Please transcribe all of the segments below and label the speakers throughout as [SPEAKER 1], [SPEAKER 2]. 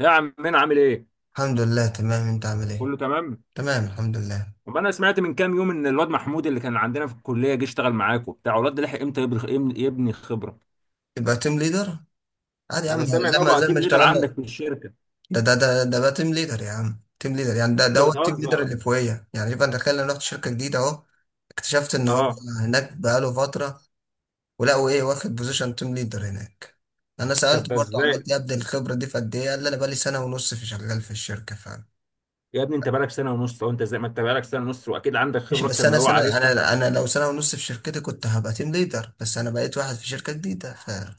[SPEAKER 1] يا عمنا عامل ايه؟
[SPEAKER 2] الحمد لله، تمام. انت عامل ايه؟
[SPEAKER 1] كله تمام؟
[SPEAKER 2] تمام، الحمد لله.
[SPEAKER 1] طب انا سمعت من كام يوم ان الواد محمود اللي كان عندنا في الكليه جه اشتغل معاك وبتاع الواد ده لحق امتى يبني خبره؟
[SPEAKER 2] يبقى تيم ليدر. عادي يا عم،
[SPEAKER 1] انا سامع ان
[SPEAKER 2] زي
[SPEAKER 1] هو
[SPEAKER 2] ما
[SPEAKER 1] بقى
[SPEAKER 2] زي ما
[SPEAKER 1] تيم ليدر
[SPEAKER 2] اشتغلنا.
[SPEAKER 1] عندك في الشركه.
[SPEAKER 2] ده بقى تيم ليدر يا عم، تيم ليدر يعني. ده
[SPEAKER 1] انت
[SPEAKER 2] ده هو التيم ليدر
[SPEAKER 1] بتهزر.
[SPEAKER 2] اللي فوقيه يعني. يبقى انت تخيل، انا رحت شركه جديده اهو. اكتشفت ان هو
[SPEAKER 1] اه.
[SPEAKER 2] هناك بقاله فتره. ولقوا ايه، واخد بوزيشن تيم ليدر هناك. انا
[SPEAKER 1] طب
[SPEAKER 2] سالت
[SPEAKER 1] ده
[SPEAKER 2] برضه، عملت
[SPEAKER 1] ازاي؟
[SPEAKER 2] ايه ابدا، الخبره دي في قد ايه؟ قال لي انا بقالي سنه ونص في، شغال في الشركه فعلا.
[SPEAKER 1] يا ابني انت بقالك سنه ونص وانت زي ما انت بقالك سنه ونص واكيد عندك
[SPEAKER 2] ماشي،
[SPEAKER 1] خبره اكتر
[SPEAKER 2] بس
[SPEAKER 1] من
[SPEAKER 2] انا
[SPEAKER 1] اللي هو
[SPEAKER 2] سنه،
[SPEAKER 1] عارفها.
[SPEAKER 2] انا لو سنه ونص في شركتي كنت هبقى تيم ليدر، بس انا بقيت واحد في شركه جديده فهروح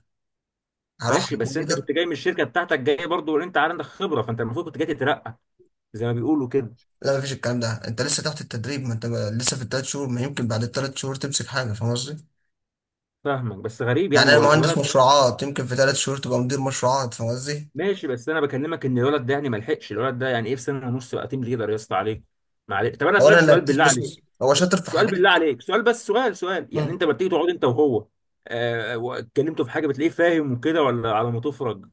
[SPEAKER 2] على
[SPEAKER 1] ماشي
[SPEAKER 2] تيم
[SPEAKER 1] بس انت
[SPEAKER 2] ليدر.
[SPEAKER 1] كنت جاي من الشركه بتاعتك جاي برضه وانت عندك خبره، فانت المفروض كنت جاي تترقى زي ما بيقولوا كده.
[SPEAKER 2] لا، مفيش الكلام ده، انت لسه تحت التدريب، ما انت لسه في الثلاث شهور، ما يمكن بعد الثلاث شهور تمسك حاجه. فاهم قصدي؟
[SPEAKER 1] فاهمك بس غريب يعني
[SPEAKER 2] يعني انا
[SPEAKER 1] هو
[SPEAKER 2] مهندس
[SPEAKER 1] الولد.
[SPEAKER 2] مشروعات، يمكن في ثلاث شهور تبقى مدير مشروعات. فاهم قصدي؟
[SPEAKER 1] ماشي بس انا بكلمك ان الولد ده يعني ما لحقش، الولد ده يعني ايه في سنه ونص بقى تيم ليدر؟ يا اسطى عليك. معلش طب انا اسالك
[SPEAKER 2] اولا
[SPEAKER 1] سؤال
[SPEAKER 2] انك
[SPEAKER 1] بالله
[SPEAKER 2] بص بص،
[SPEAKER 1] عليك،
[SPEAKER 2] هو شاطر في
[SPEAKER 1] سؤال
[SPEAKER 2] حاجات.
[SPEAKER 1] بالله عليك سؤال، بس سؤال، سؤال، يعني
[SPEAKER 2] مم.
[SPEAKER 1] انت لما بتيجي تقعد انت وهو. آه، واتكلمتوا في حاجه بتلاقيه فاهم وكده ولا على ما تفرج؟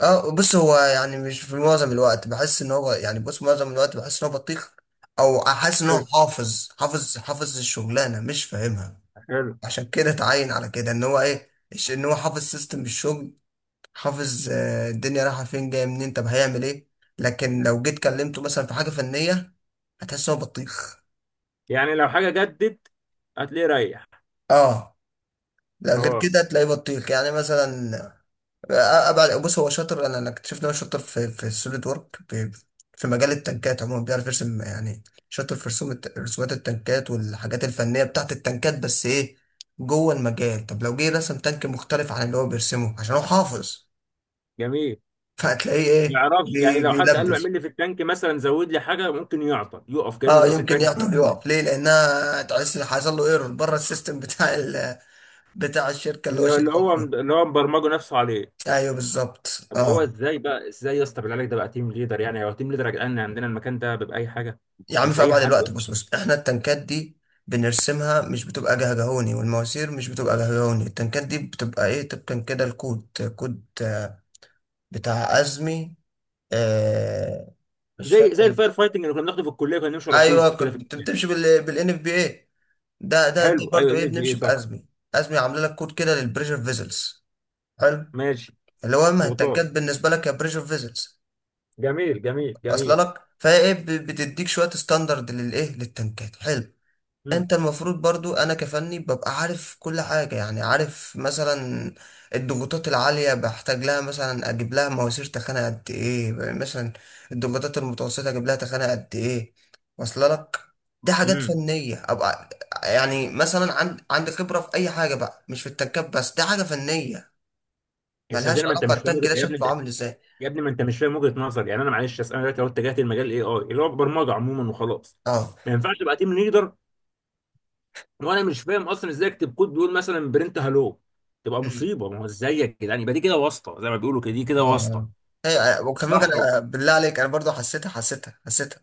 [SPEAKER 2] اه، بص، هو يعني مش في معظم الوقت بحس ان هو يعني، بص، معظم الوقت بحس ان هو بطيخ. او احس ان هو
[SPEAKER 1] حلو.
[SPEAKER 2] حافظ الشغلانه مش فاهمها.
[SPEAKER 1] حلو
[SPEAKER 2] عشان كده اتعين على كده ان هو ايه، ان هو حافظ سيستم الشغل. حافظ، الدنيا رايحة فين جاية منين، طب هيعمل ايه. لكن لو جيت كلمته مثلا في حاجة فنية، هتحس إن هو بطيخ.
[SPEAKER 1] يعني لو حاجه جدت هتلاقيه ريح.
[SPEAKER 2] اه. لو غير
[SPEAKER 1] اه.
[SPEAKER 2] كده هتلاقيه بطيخ يعني مثلا. ابعد بص، هو شاطر، انا اكتشفت ان هو شاطر في في السوليد وورك، في في مجال التنكات عموما، بيعرف يرسم يعني. شاطر في رسومات التنكات والحاجات الفنية بتاعت التنكات، بس ايه، جوه المجال. طب لو جه رسم تانك مختلف عن اللي هو بيرسمه عشان هو حافظ،
[SPEAKER 1] جميل.
[SPEAKER 2] فهتلاقيه
[SPEAKER 1] ما
[SPEAKER 2] ايه،
[SPEAKER 1] يعرفش يعني، لو حد قال له
[SPEAKER 2] بيلبش.
[SPEAKER 1] اعمل لي في التانك مثلا زود لي حاجه ممكن يعطل يقف كانه
[SPEAKER 2] اه
[SPEAKER 1] نسي
[SPEAKER 2] يمكن
[SPEAKER 1] التانك.
[SPEAKER 2] يعطل يقف، ليه، لانها تحس إن حصل له ايرور بره السيستم بتاع ال بتاع الشركه اللي
[SPEAKER 1] اللي
[SPEAKER 2] هو
[SPEAKER 1] هو اللي
[SPEAKER 2] شغال
[SPEAKER 1] هو
[SPEAKER 2] فيها.
[SPEAKER 1] اللي هو مبرمجه نفسه عليه.
[SPEAKER 2] ايوه بالظبط،
[SPEAKER 1] طب ما هو
[SPEAKER 2] اه.
[SPEAKER 1] ازاي بقى، ازاي يا اسطى بالله عليك ده بقى تيم ليدر؟ يعني هو تيم ليدر يا جدعان؟ عندنا المكان ده بيبقى اي حاجه.
[SPEAKER 2] يا عم،
[SPEAKER 1] مش
[SPEAKER 2] في
[SPEAKER 1] اي
[SPEAKER 2] ابعد
[SPEAKER 1] حد يا
[SPEAKER 2] الوقت، بص
[SPEAKER 1] اسطى.
[SPEAKER 2] بص احنا التنكات دي بنرسمها، مش بتبقى جهجهوني، والمواسير مش بتبقى جهجهوني. التنكات دي بتبقى ايه، طبقا كده، الكود. كود آه، بتاع ازمي. آه مش
[SPEAKER 1] زي
[SPEAKER 2] فاكر.
[SPEAKER 1] الفاير فايتنج اللي كنا بناخده في الكليه، كنا نمشي ورا كود
[SPEAKER 2] ايوه
[SPEAKER 1] كده في
[SPEAKER 2] كنت
[SPEAKER 1] الكليه.
[SPEAKER 2] بتمشي بالان اف بي اي. ده
[SPEAKER 1] حلو، ايوه،
[SPEAKER 2] برضه ايه،
[SPEAKER 1] ان بي اي
[SPEAKER 2] بنمشي
[SPEAKER 1] صح.
[SPEAKER 2] بازمي. ازمي عامله لك كود كده للبريشر فيزلز،
[SPEAKER 1] ماشي.
[SPEAKER 2] اللي هو
[SPEAKER 1] ضغوطات.
[SPEAKER 2] المهتجات بالنسبه لك يا بريشر فيزلز.
[SPEAKER 1] جميل جميل
[SPEAKER 2] اصل
[SPEAKER 1] جميل.
[SPEAKER 2] لك، فهي ايه، بتديك شويه ستاندرد للايه للتنكات. حلو.
[SPEAKER 1] امم
[SPEAKER 2] انت المفروض برضو، انا كفني ببقى عارف كل حاجه يعني، عارف مثلا الضغوطات العاليه بحتاج لها مثلا اجيب لها مواسير تخانه قد ايه، مثلا الضغوطات المتوسطه اجيب لها تخانه قد ايه. واصل لك. دي حاجات
[SPEAKER 1] امم
[SPEAKER 2] فنيه ابقى. يعني مثلا عندي خبره في اي حاجه بقى، مش في التنكات بس. دي حاجه فنيه،
[SPEAKER 1] يا
[SPEAKER 2] ملهاش
[SPEAKER 1] سيدنا ما انت
[SPEAKER 2] علاقه
[SPEAKER 1] مش فاهم
[SPEAKER 2] التانك
[SPEAKER 1] وجهة-
[SPEAKER 2] ده
[SPEAKER 1] يا ابني
[SPEAKER 2] شكله
[SPEAKER 1] ده.
[SPEAKER 2] عامل ازاي.
[SPEAKER 1] يا ابني ما انت مش فاهم وجهه نظر، يعني انا معلش أصل انا دلوقتي لو اتجهت لمجال الاي اي اللي هو برمجه عموما وخلاص،
[SPEAKER 2] اه.
[SPEAKER 1] ما ينفعش تبقى تيم ليدر. وانا مش فاهم اصلا ازاي اكتب كود بيقول مثلا برنت هالو. تبقى
[SPEAKER 2] مم.
[SPEAKER 1] مصيبه. ما هو ازاي يا جدعان؟ يبقى دي كده واسطه زي ما بيقولوا كده، دي كده
[SPEAKER 2] اه،
[SPEAKER 1] واسطه.
[SPEAKER 2] آه. ايوه، أيوة. وكمان
[SPEAKER 1] صح.
[SPEAKER 2] بالله عليك انا برضو حسيتها حسيتها حسيتها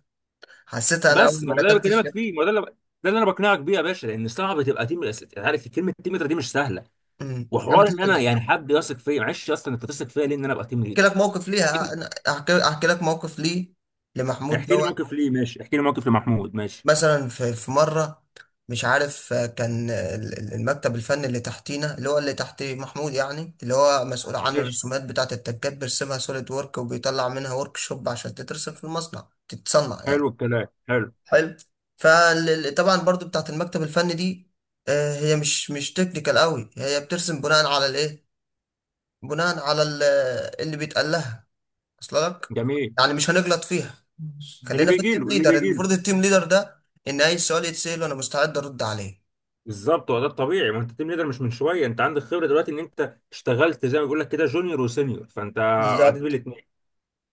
[SPEAKER 2] حسيتها انا
[SPEAKER 1] بس
[SPEAKER 2] اول
[SPEAKER 1] ما
[SPEAKER 2] ما
[SPEAKER 1] هو ده اللي
[SPEAKER 2] دخلت
[SPEAKER 1] بكلمك
[SPEAKER 2] الشركه.
[SPEAKER 1] فيه، ما هو ده اللي انا بقنعك بيه يا باشا، لان صعب تبقى تيم الاساسي. عارف كلمه تيم ليدر دي مش سهله.
[SPEAKER 2] عم
[SPEAKER 1] وحوار ان انا
[SPEAKER 2] بتحدد.
[SPEAKER 1] يعني حد يثق فيا، معلش اصلا انت تثق فيا ليه ان انا ابقى تيم
[SPEAKER 2] احكي
[SPEAKER 1] ليدر؟
[SPEAKER 2] لك موقف ليها، انا احكي لك موقف ليه لمحمود
[SPEAKER 1] احكي لي
[SPEAKER 2] دوت.
[SPEAKER 1] موقف ليه. ماشي. احكي لي موقف لمحمود. ماشي.
[SPEAKER 2] مثلا في مره مش عارف. كان المكتب الفني اللي تحتينا اللي هو اللي تحت محمود يعني، اللي هو مسؤول عن
[SPEAKER 1] ماشي.
[SPEAKER 2] الرسومات بتاعه التكات، بيرسمها سوليد وورك وبيطلع منها ورك شوب عشان تترسم في المصنع، تتصنع يعني.
[SPEAKER 1] حلو الكلام. حلو.
[SPEAKER 2] حلو. فطبعا برضو بتاعت المكتب الفني دي، هي مش تكنيكال قوي. هي بترسم بناء على الايه، بناء على ال- اللي بيتقال لها. اصل لك،
[SPEAKER 1] جميل.
[SPEAKER 2] يعني مش هنغلط فيها.
[SPEAKER 1] اللي
[SPEAKER 2] خلينا في
[SPEAKER 1] بيجي
[SPEAKER 2] التيم
[SPEAKER 1] له اللي
[SPEAKER 2] ليدر.
[SPEAKER 1] بيجي له.
[SPEAKER 2] المفروض التيم ليدر ده ان اي سؤال يتسال وانا مستعد ارد عليه.
[SPEAKER 1] بالظبط، هو ده الطبيعي. ما انت تيم ليدر مش من شويه، انت عندك خبره دلوقتي، ان انت اشتغلت زي ما بيقول لك كده جونيور وسينيور، فانت عديت
[SPEAKER 2] بالظبط.
[SPEAKER 1] بالاثنين.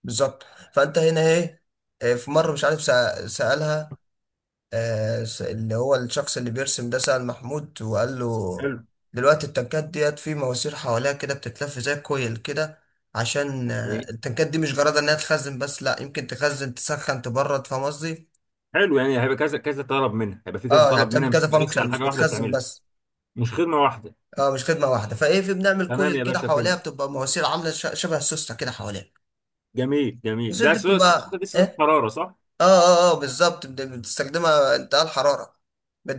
[SPEAKER 2] بالظبط. فانت هنا ايه. في مره مش عارف، سالها. اللي هو الشخص اللي بيرسم ده سأل محمود وقال له،
[SPEAKER 1] حلو
[SPEAKER 2] دلوقتي التنكات ديت في مواسير حواليها كده بتتلف زي كويل كده. عشان
[SPEAKER 1] يعني
[SPEAKER 2] التنكات دي مش جرادة انها تخزن بس، لا، يمكن تخزن تسخن تبرد. فاهم قصدي؟
[SPEAKER 1] حلو يعني هيبقى كذا كذا طلب منها، هيبقى في كذا
[SPEAKER 2] اه، يعني
[SPEAKER 1] طلب منها،
[SPEAKER 2] بتعمل
[SPEAKER 1] مش
[SPEAKER 2] كذا
[SPEAKER 1] هتبقى لسه
[SPEAKER 2] فانكشن،
[SPEAKER 1] على
[SPEAKER 2] مش
[SPEAKER 1] حاجه واحده
[SPEAKER 2] بتخزن
[SPEAKER 1] بتعملها.
[SPEAKER 2] بس.
[SPEAKER 1] مش خدمه واحده.
[SPEAKER 2] اه مش خدمة واحدة. فايه في بنعمل
[SPEAKER 1] تمام
[SPEAKER 2] كويل
[SPEAKER 1] يا
[SPEAKER 2] كده
[SPEAKER 1] باشا،
[SPEAKER 2] حواليها،
[SPEAKER 1] فهمت.
[SPEAKER 2] بتبقى مواسير عاملة شبه السوستة كده حواليها.
[SPEAKER 1] جميل جميل،
[SPEAKER 2] المواسير
[SPEAKER 1] ده
[SPEAKER 2] دي بتبقى
[SPEAKER 1] دي سوسه
[SPEAKER 2] ايه؟
[SPEAKER 1] حراره، صح؟
[SPEAKER 2] اه بالظبط، بتستخدمها انتقال حرارة،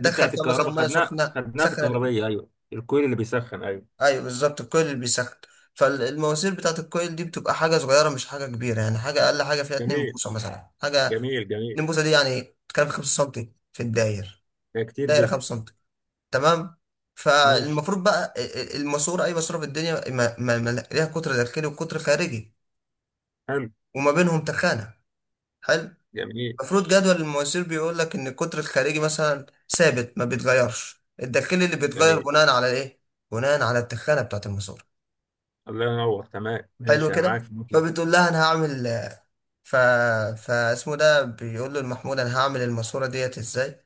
[SPEAKER 1] دي بتاعت
[SPEAKER 2] فيها مثلا
[SPEAKER 1] الكهرباء،
[SPEAKER 2] ميه
[SPEAKER 1] خدناها
[SPEAKER 2] سخنة
[SPEAKER 1] خدناها في
[SPEAKER 2] تسخن.
[SPEAKER 1] الكهربيه، ايوه، الكويل اللي بيسخن، ايوه.
[SPEAKER 2] ايوه بالظبط، الكويل اللي بيسخن. فالمواسير بتاعت الكويل دي بتبقى حاجه صغيره، مش حاجه كبيره، يعني حاجه اقل حاجه فيها 2
[SPEAKER 1] جميل
[SPEAKER 2] بوصه مثلا، حاجه
[SPEAKER 1] جميل جميل.
[SPEAKER 2] 2 بوصه دي يعني، بتتكلم في 5 سم في الداير.
[SPEAKER 1] ده كتير
[SPEAKER 2] دايره
[SPEAKER 1] جدا.
[SPEAKER 2] 5 سم. تمام.
[SPEAKER 1] ماشي.
[SPEAKER 2] فالمفروض بقى الماسوره، اي ماسوره في الدنيا، ما ليها قطر داخلي وقطر خارجي،
[SPEAKER 1] حلو.
[SPEAKER 2] وما بينهم تخانه. حلو.
[SPEAKER 1] جميل
[SPEAKER 2] المفروض جدول المواسير بيقول لك ان القطر الخارجي مثلا ثابت ما بيتغيرش، الداخلي اللي بيتغير
[SPEAKER 1] جميل.
[SPEAKER 2] بناء على ايه، بناء على التخانه بتاعت الماسوره.
[SPEAKER 1] الله ينور. تمام
[SPEAKER 2] حلو
[SPEAKER 1] ماشي انا
[SPEAKER 2] كده.
[SPEAKER 1] معاك.
[SPEAKER 2] فبتقول لها انا هعمل ف فاسمه ده، بيقول له المحمود، انا هعمل الماسوره ديت ازاي،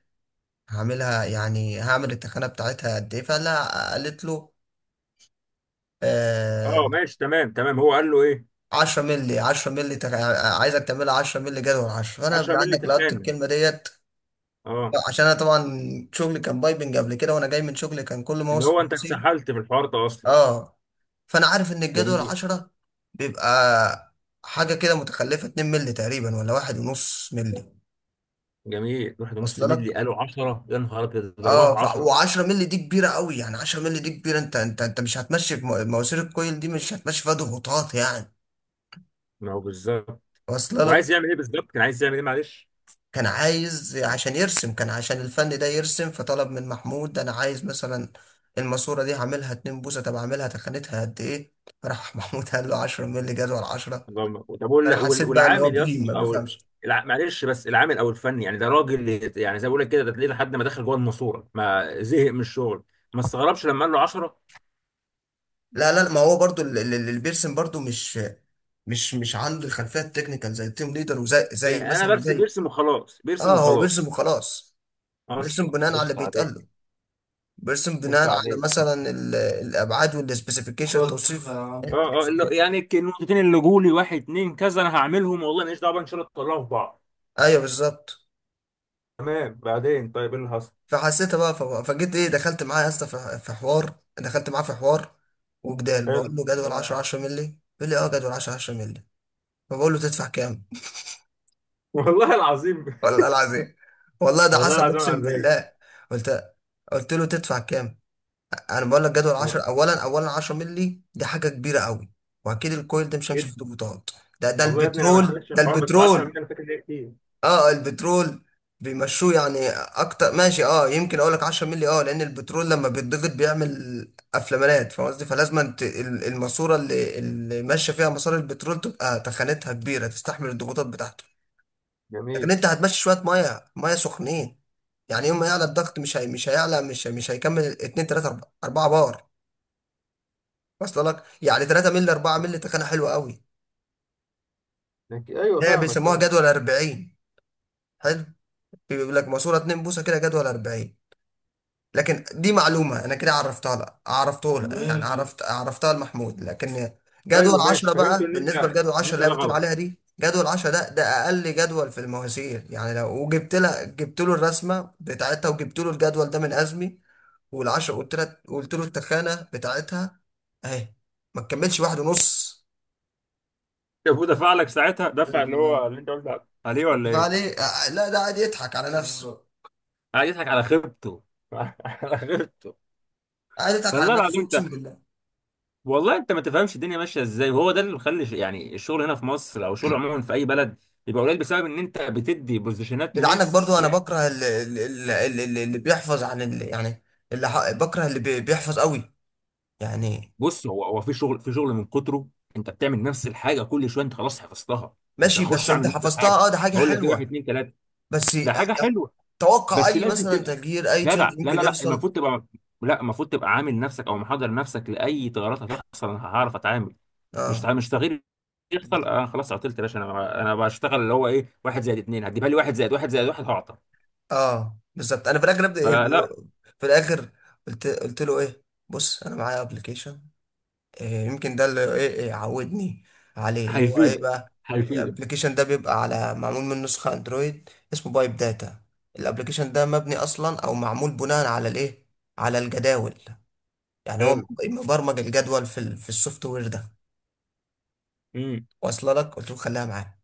[SPEAKER 2] هعملها يعني هعمل التخانه بتاعتها قد ايه. فقال لها، قالت له، آه
[SPEAKER 1] اه ماشي تمام تمام، هو قال له ايه؟
[SPEAKER 2] 10 مللي، 10 مللي عايزك تعملها 10 مللي، جدول 10. فانا
[SPEAKER 1] 10 مللي
[SPEAKER 2] عنك لقطت
[SPEAKER 1] تخانه.
[SPEAKER 2] الكلمه ديت،
[SPEAKER 1] اه.
[SPEAKER 2] عشان انا طبعا شغلي كان بايبنج قبل كده، وانا جاي من شغلي كان كل ما
[SPEAKER 1] اللي
[SPEAKER 2] اوصل
[SPEAKER 1] هو انت
[SPEAKER 2] نسيب.
[SPEAKER 1] اتسحلت في الحوار ده اصلا.
[SPEAKER 2] اه، فانا عارف ان الجدول
[SPEAKER 1] جميل.
[SPEAKER 2] 10 بيبقى حاجه كده متخلفه 2 مللي تقريبا، ولا واحد ونص مللي.
[SPEAKER 1] جميل واحد ونص
[SPEAKER 2] وصل
[SPEAKER 1] مللي
[SPEAKER 2] لك.
[SPEAKER 1] قالوا 10، يا نهار ابيض، ضربها
[SPEAKER 2] اه،
[SPEAKER 1] في 10.
[SPEAKER 2] و10 مللي دي كبيره قوي يعني، 10 مللي دي كبيره، انت مش هتمشي في مواسير، الكويل دي مش هتمشي فيها ضغوطات يعني.
[SPEAKER 1] ما هو بالظبط.
[SPEAKER 2] وصل لك.
[SPEAKER 1] وعايز يعمل ايه بالظبط؟ كان عايز يعمل ايه معلش؟
[SPEAKER 2] كان عايز عشان يرسم، كان عشان الفن ده يرسم، فطلب من محمود، انا عايز مثلا الماسوره دي هعملها 2 بوصه، طب اعملها تخانتها قد ايه. راح محمود قال له 10 مللي جدول 10.
[SPEAKER 1] طب
[SPEAKER 2] انا حسيت بقى ان هو
[SPEAKER 1] والعامل يا
[SPEAKER 2] بهيم
[SPEAKER 1] اسطى،
[SPEAKER 2] ما
[SPEAKER 1] او
[SPEAKER 2] بيفهمش.
[SPEAKER 1] معلش، بس العامل او الفني يعني ده راجل، يعني زي ما بقول لك كده ده تلاقيه لحد ما دخل جوه الماسوره ما زهق من الشغل. ما استغربش لما قال له 10.
[SPEAKER 2] لا لا، ما هو برضو اللي بيرسم برضو مش عنده الخلفيه التكنيكال زي التيم ليدر، وزي
[SPEAKER 1] إيه، انا
[SPEAKER 2] مثلا
[SPEAKER 1] برسم،
[SPEAKER 2] زي،
[SPEAKER 1] بيرسم وخلاص، بيرسم
[SPEAKER 2] اه هو بيرسم
[SPEAKER 1] وخلاص.
[SPEAKER 2] وخلاص. بيرسم
[SPEAKER 1] اصلا
[SPEAKER 2] بناء على اللي
[SPEAKER 1] قشطه
[SPEAKER 2] بيتقال له.
[SPEAKER 1] عليك.
[SPEAKER 2] بيرسم بناء
[SPEAKER 1] قشطه
[SPEAKER 2] على
[SPEAKER 1] عليك.
[SPEAKER 2] مثلا الابعاد والسبيسيفيكيشن، الخطف توصيف،
[SPEAKER 1] اه. اه.
[SPEAKER 2] التوصيف.
[SPEAKER 1] النقطتين اللي جولي واحد اتنين كذا انا هعملهم، والله ماليش دعوه بقى، ان شاء الله تطلعوا في بعض.
[SPEAKER 2] ايوه بالظبط.
[SPEAKER 1] تمام، بعدين طيب ايه اللي حصل؟
[SPEAKER 2] فحسيت بقى، فجيت ايه، دخلت معاه يا اسطى في حوار، دخلت معاه في حوار وجدال. بقول
[SPEAKER 1] حلو.
[SPEAKER 2] له جدول 10، 10 مللي. بيقول لي اه جدول 10، 10 مللي. فبقول له تدفع كام.
[SPEAKER 1] والله العظيم.
[SPEAKER 2] والله العظيم. والله ده
[SPEAKER 1] والله
[SPEAKER 2] حسب،
[SPEAKER 1] العظيم على
[SPEAKER 2] اقسم
[SPEAKER 1] الرايق.
[SPEAKER 2] بالله. قلت قلت له تدفع كام. انا بقول لك جدول 10،
[SPEAKER 1] آه،
[SPEAKER 2] اولا 10 مللي دي حاجه كبيره قوي، واكيد الكويل ده مش هيمشي
[SPEAKER 1] جدا.
[SPEAKER 2] في ضغوطات. ده
[SPEAKER 1] والله يا ابني انا ما
[SPEAKER 2] البترول،
[SPEAKER 1] دخلتش
[SPEAKER 2] ده
[SPEAKER 1] الحوار بس 10 مليون
[SPEAKER 2] البترول.
[SPEAKER 1] انا فاكر ان هي كتير.
[SPEAKER 2] اه، البترول بيمشوه يعني اكتر ماشي، اه يمكن اقول لك 10 مللي، اه لان البترول لما بيتضغط بيعمل افلامات. فاهم قصدي. فلازم انت الماسوره اللي ماشيه فيها مسار البترول تبقى تخانتها كبيره تستحمل الضغوطات بتاعته. لكن
[SPEAKER 1] جميل.
[SPEAKER 2] انت هتمشي شويه ميه ميه سخنين، يعني يوم ما يعلى الضغط، مش هي، مش هيعلى، مش هيكمل 2 3 4 بار. اصل لك. يعني 3 مللي، 4 مللي تخانه حلوه قوي،
[SPEAKER 1] ايوه
[SPEAKER 2] ده
[SPEAKER 1] فاهمك،
[SPEAKER 2] بيسموها
[SPEAKER 1] فاهم.
[SPEAKER 2] جدول 40. حلو. بيقول لك ماسوره 2 بوصه كده جدول 40. لكن دي معلومه انا كده عرفتها لك، عرفته لك يعني ماشي، عرفتها لمحمود، لكن جدول
[SPEAKER 1] حلو، ماشي،
[SPEAKER 2] 10
[SPEAKER 1] فهمت
[SPEAKER 2] بقى،
[SPEAKER 1] ان انت
[SPEAKER 2] بالنسبه لجدول
[SPEAKER 1] ان
[SPEAKER 2] 10
[SPEAKER 1] انت ده
[SPEAKER 2] اللي هي بتقول
[SPEAKER 1] غلط.
[SPEAKER 2] عليها دي، جدول 10، ده اقل جدول في المواسير. يعني لو وجبت لها جبت له الرسمه بتاعتها وجبت له الجدول ده من ازمي. وال10 قلت له التخانه بتاعتها اهي ما تكملش واحد ونص.
[SPEAKER 1] طب ودفع لك ساعتها دفع اللي هو اللي انت قلت عليه ولا ايه؟
[SPEAKER 2] فعليه، لا ده قاعد يضحك على نفسه.
[SPEAKER 1] قاعد يضحك على خيبته. على خيبته.
[SPEAKER 2] قاعد يضحك على
[SPEAKER 1] والله
[SPEAKER 2] نفسه،
[SPEAKER 1] العظيم.
[SPEAKER 2] اقسم بالله.
[SPEAKER 1] والله انت ما تفهمش الدنيا ماشيه ازاي، وهو ده اللي مخلي يعني الشغل هنا في مصر، او الشغل عموما في اي بلد بيبقى قليل، بسبب ان انت بتدي بوزيشنات
[SPEAKER 2] جدعنك
[SPEAKER 1] لناس
[SPEAKER 2] برضو، انا
[SPEAKER 1] يعني.
[SPEAKER 2] بكره اللي بيحفظ عن اللي يعني، بكره بيحفظ قوي يعني.
[SPEAKER 1] بص، هو في شغل من كتره انت بتعمل نفس الحاجه كل شويه، انت خلاص حفظتها. مش
[SPEAKER 2] ماشي،
[SPEAKER 1] هخش
[SPEAKER 2] بس
[SPEAKER 1] اعمل
[SPEAKER 2] انت
[SPEAKER 1] نفس
[SPEAKER 2] حفظتها،
[SPEAKER 1] الحاجه،
[SPEAKER 2] اه ده حاجة
[SPEAKER 1] بقول لك ايه واحد
[SPEAKER 2] حلوة،
[SPEAKER 1] اتنين تلاته.
[SPEAKER 2] بس،
[SPEAKER 1] ده حاجه حلوه.
[SPEAKER 2] توقع
[SPEAKER 1] بس
[SPEAKER 2] اي
[SPEAKER 1] لازم
[SPEAKER 2] مثلا
[SPEAKER 1] تبقى
[SPEAKER 2] تغيير، اي تشنج
[SPEAKER 1] جدع. لا
[SPEAKER 2] ممكن
[SPEAKER 1] لا لا،
[SPEAKER 2] يحصل.
[SPEAKER 1] المفروض تبقى، لا، المفروض تبقى عامل نفسك او محضر نفسك لاي تغيرات هتحصل، انا هعرف اتعامل. مش
[SPEAKER 2] اه،
[SPEAKER 1] مش تغيير يحصل انا خلاص عطلت يا باشا، انا بشتغل اللي هو ايه، واحد زائد اتنين هتجيبها لي واحد زائد واحد زائد واحد، هعطل.
[SPEAKER 2] اه بالظبط. انا في الاخر ابدا إيه؟
[SPEAKER 1] فلا.
[SPEAKER 2] في الاخر قلت له ايه، بص انا معايا ابلكيشن، إيه، يمكن ده اللي ايه، إيه عودني عليه، اللي هو ايه
[SPEAKER 1] هيفيدك.
[SPEAKER 2] بقى.
[SPEAKER 1] هيفيدك.
[SPEAKER 2] الابلكيشن ده بيبقى على، معمول من نسخة اندرويد، اسمه بايب داتا. الابلكيشن ده مبني اصلا او معمول بناء على الايه، على الجداول. يعني هو
[SPEAKER 1] حلو.
[SPEAKER 2] مبرمج الجدول في في السوفت وير ده.
[SPEAKER 1] امم.
[SPEAKER 2] واصله لك. قلت له خليها معاه.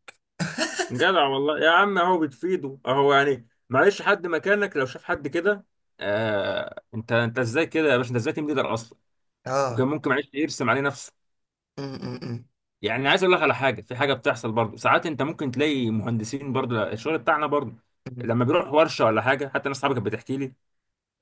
[SPEAKER 1] جدع والله يا عم، اهو بتفيده، اهو يعني معلش حد مكانك لو شاف حد كده. آه، انت ازاي كده يا باشا؟ انت ازاي تيم ليدر اصلا؟ وكان
[SPEAKER 2] اه.
[SPEAKER 1] ممكن معلش يرسم عليه نفسه.
[SPEAKER 2] م- م- م-
[SPEAKER 1] يعني عايز اقول لك على حاجه، في حاجه بتحصل برضه ساعات، انت ممكن تلاقي مهندسين برضه، الشغل بتاعنا برضه
[SPEAKER 2] م.
[SPEAKER 1] لما بيروح ورشه ولا حاجه، حتى ناس صحابي كانت بتحكي لي.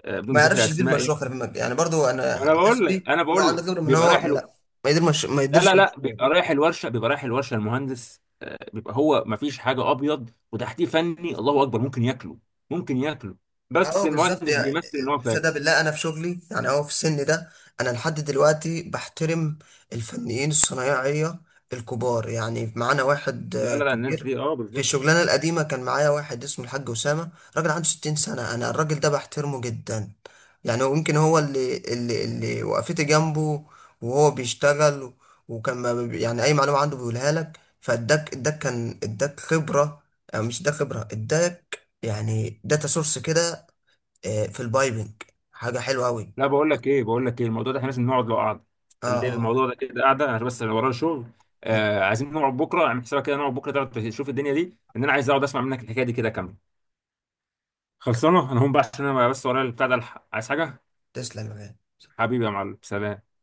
[SPEAKER 1] آه، بدون
[SPEAKER 2] ما
[SPEAKER 1] ذكر
[SPEAKER 2] يعرفش يدير
[SPEAKER 1] اسماء.
[SPEAKER 2] مشروع، خلي بالك يعني برضو، انا
[SPEAKER 1] انا
[SPEAKER 2] على
[SPEAKER 1] بقول لك
[SPEAKER 2] حسبي
[SPEAKER 1] انا
[SPEAKER 2] إن هو
[SPEAKER 1] بقول
[SPEAKER 2] عنده
[SPEAKER 1] لك
[SPEAKER 2] خبره، من
[SPEAKER 1] بيبقى رايح
[SPEAKER 2] هو؟ لا، ما
[SPEAKER 1] لا لا
[SPEAKER 2] يديرش.
[SPEAKER 1] لا، بيبقى رايح الورشه، بيبقى رايح الورشه المهندس. آه، بيبقى هو، ما فيش حاجه، ابيض وتحتيه فني، الله اكبر، ممكن ياكله. ممكن ياكله.
[SPEAKER 2] اه
[SPEAKER 1] بس
[SPEAKER 2] بالظبط،
[SPEAKER 1] المهندس
[SPEAKER 2] يعني
[SPEAKER 1] بيمثل ان هو فاهم.
[SPEAKER 2] صدق بالله، انا في شغلي يعني، اه في السن ده انا لحد دلوقتي بحترم الفنيين الصنايعيه الكبار. يعني معانا واحد،
[SPEAKER 1] لا لا لا، الناس
[SPEAKER 2] كبير،
[SPEAKER 1] دي اه
[SPEAKER 2] في
[SPEAKER 1] بالظبط.
[SPEAKER 2] الشغلانه القديمه كان معايا واحد اسمه الحاج اسامه. راجل عنده 60 سنه، انا الراجل ده بحترمه جدا. يعني هو يمكن هو اللي وقفت جنبه وهو بيشتغل. وكان ما بي- يعني اي معلومه عنده بيقولها لك، فاداك اداك، كان اداك خبره، أو مش اداك خبره، اداك يعني داتا سورس كده، في البايبنج. حاجة حلوة أوي.
[SPEAKER 1] لا، بقول لك ايه الموضوع ده احنا لازم نقعد له قعده.
[SPEAKER 2] اه
[SPEAKER 1] خلي
[SPEAKER 2] اه
[SPEAKER 1] الموضوع ده كده قاعده، انا بس انا ورايا شغل.
[SPEAKER 2] م.
[SPEAKER 1] آه، عايزين نقعد بكره، اعمل حسابك كده، نقعد بكره تقعد تشوف الدنيا دي، ان انا عايز اقعد اسمع منك الحكايه دي كده كامله. خلصانه. انا هقوم بقى عشان انا بس ورايا البتاع ده، الحق عايز حاجه.
[SPEAKER 2] تسلم يا غالي.
[SPEAKER 1] حبيبي يا معلم، سلام.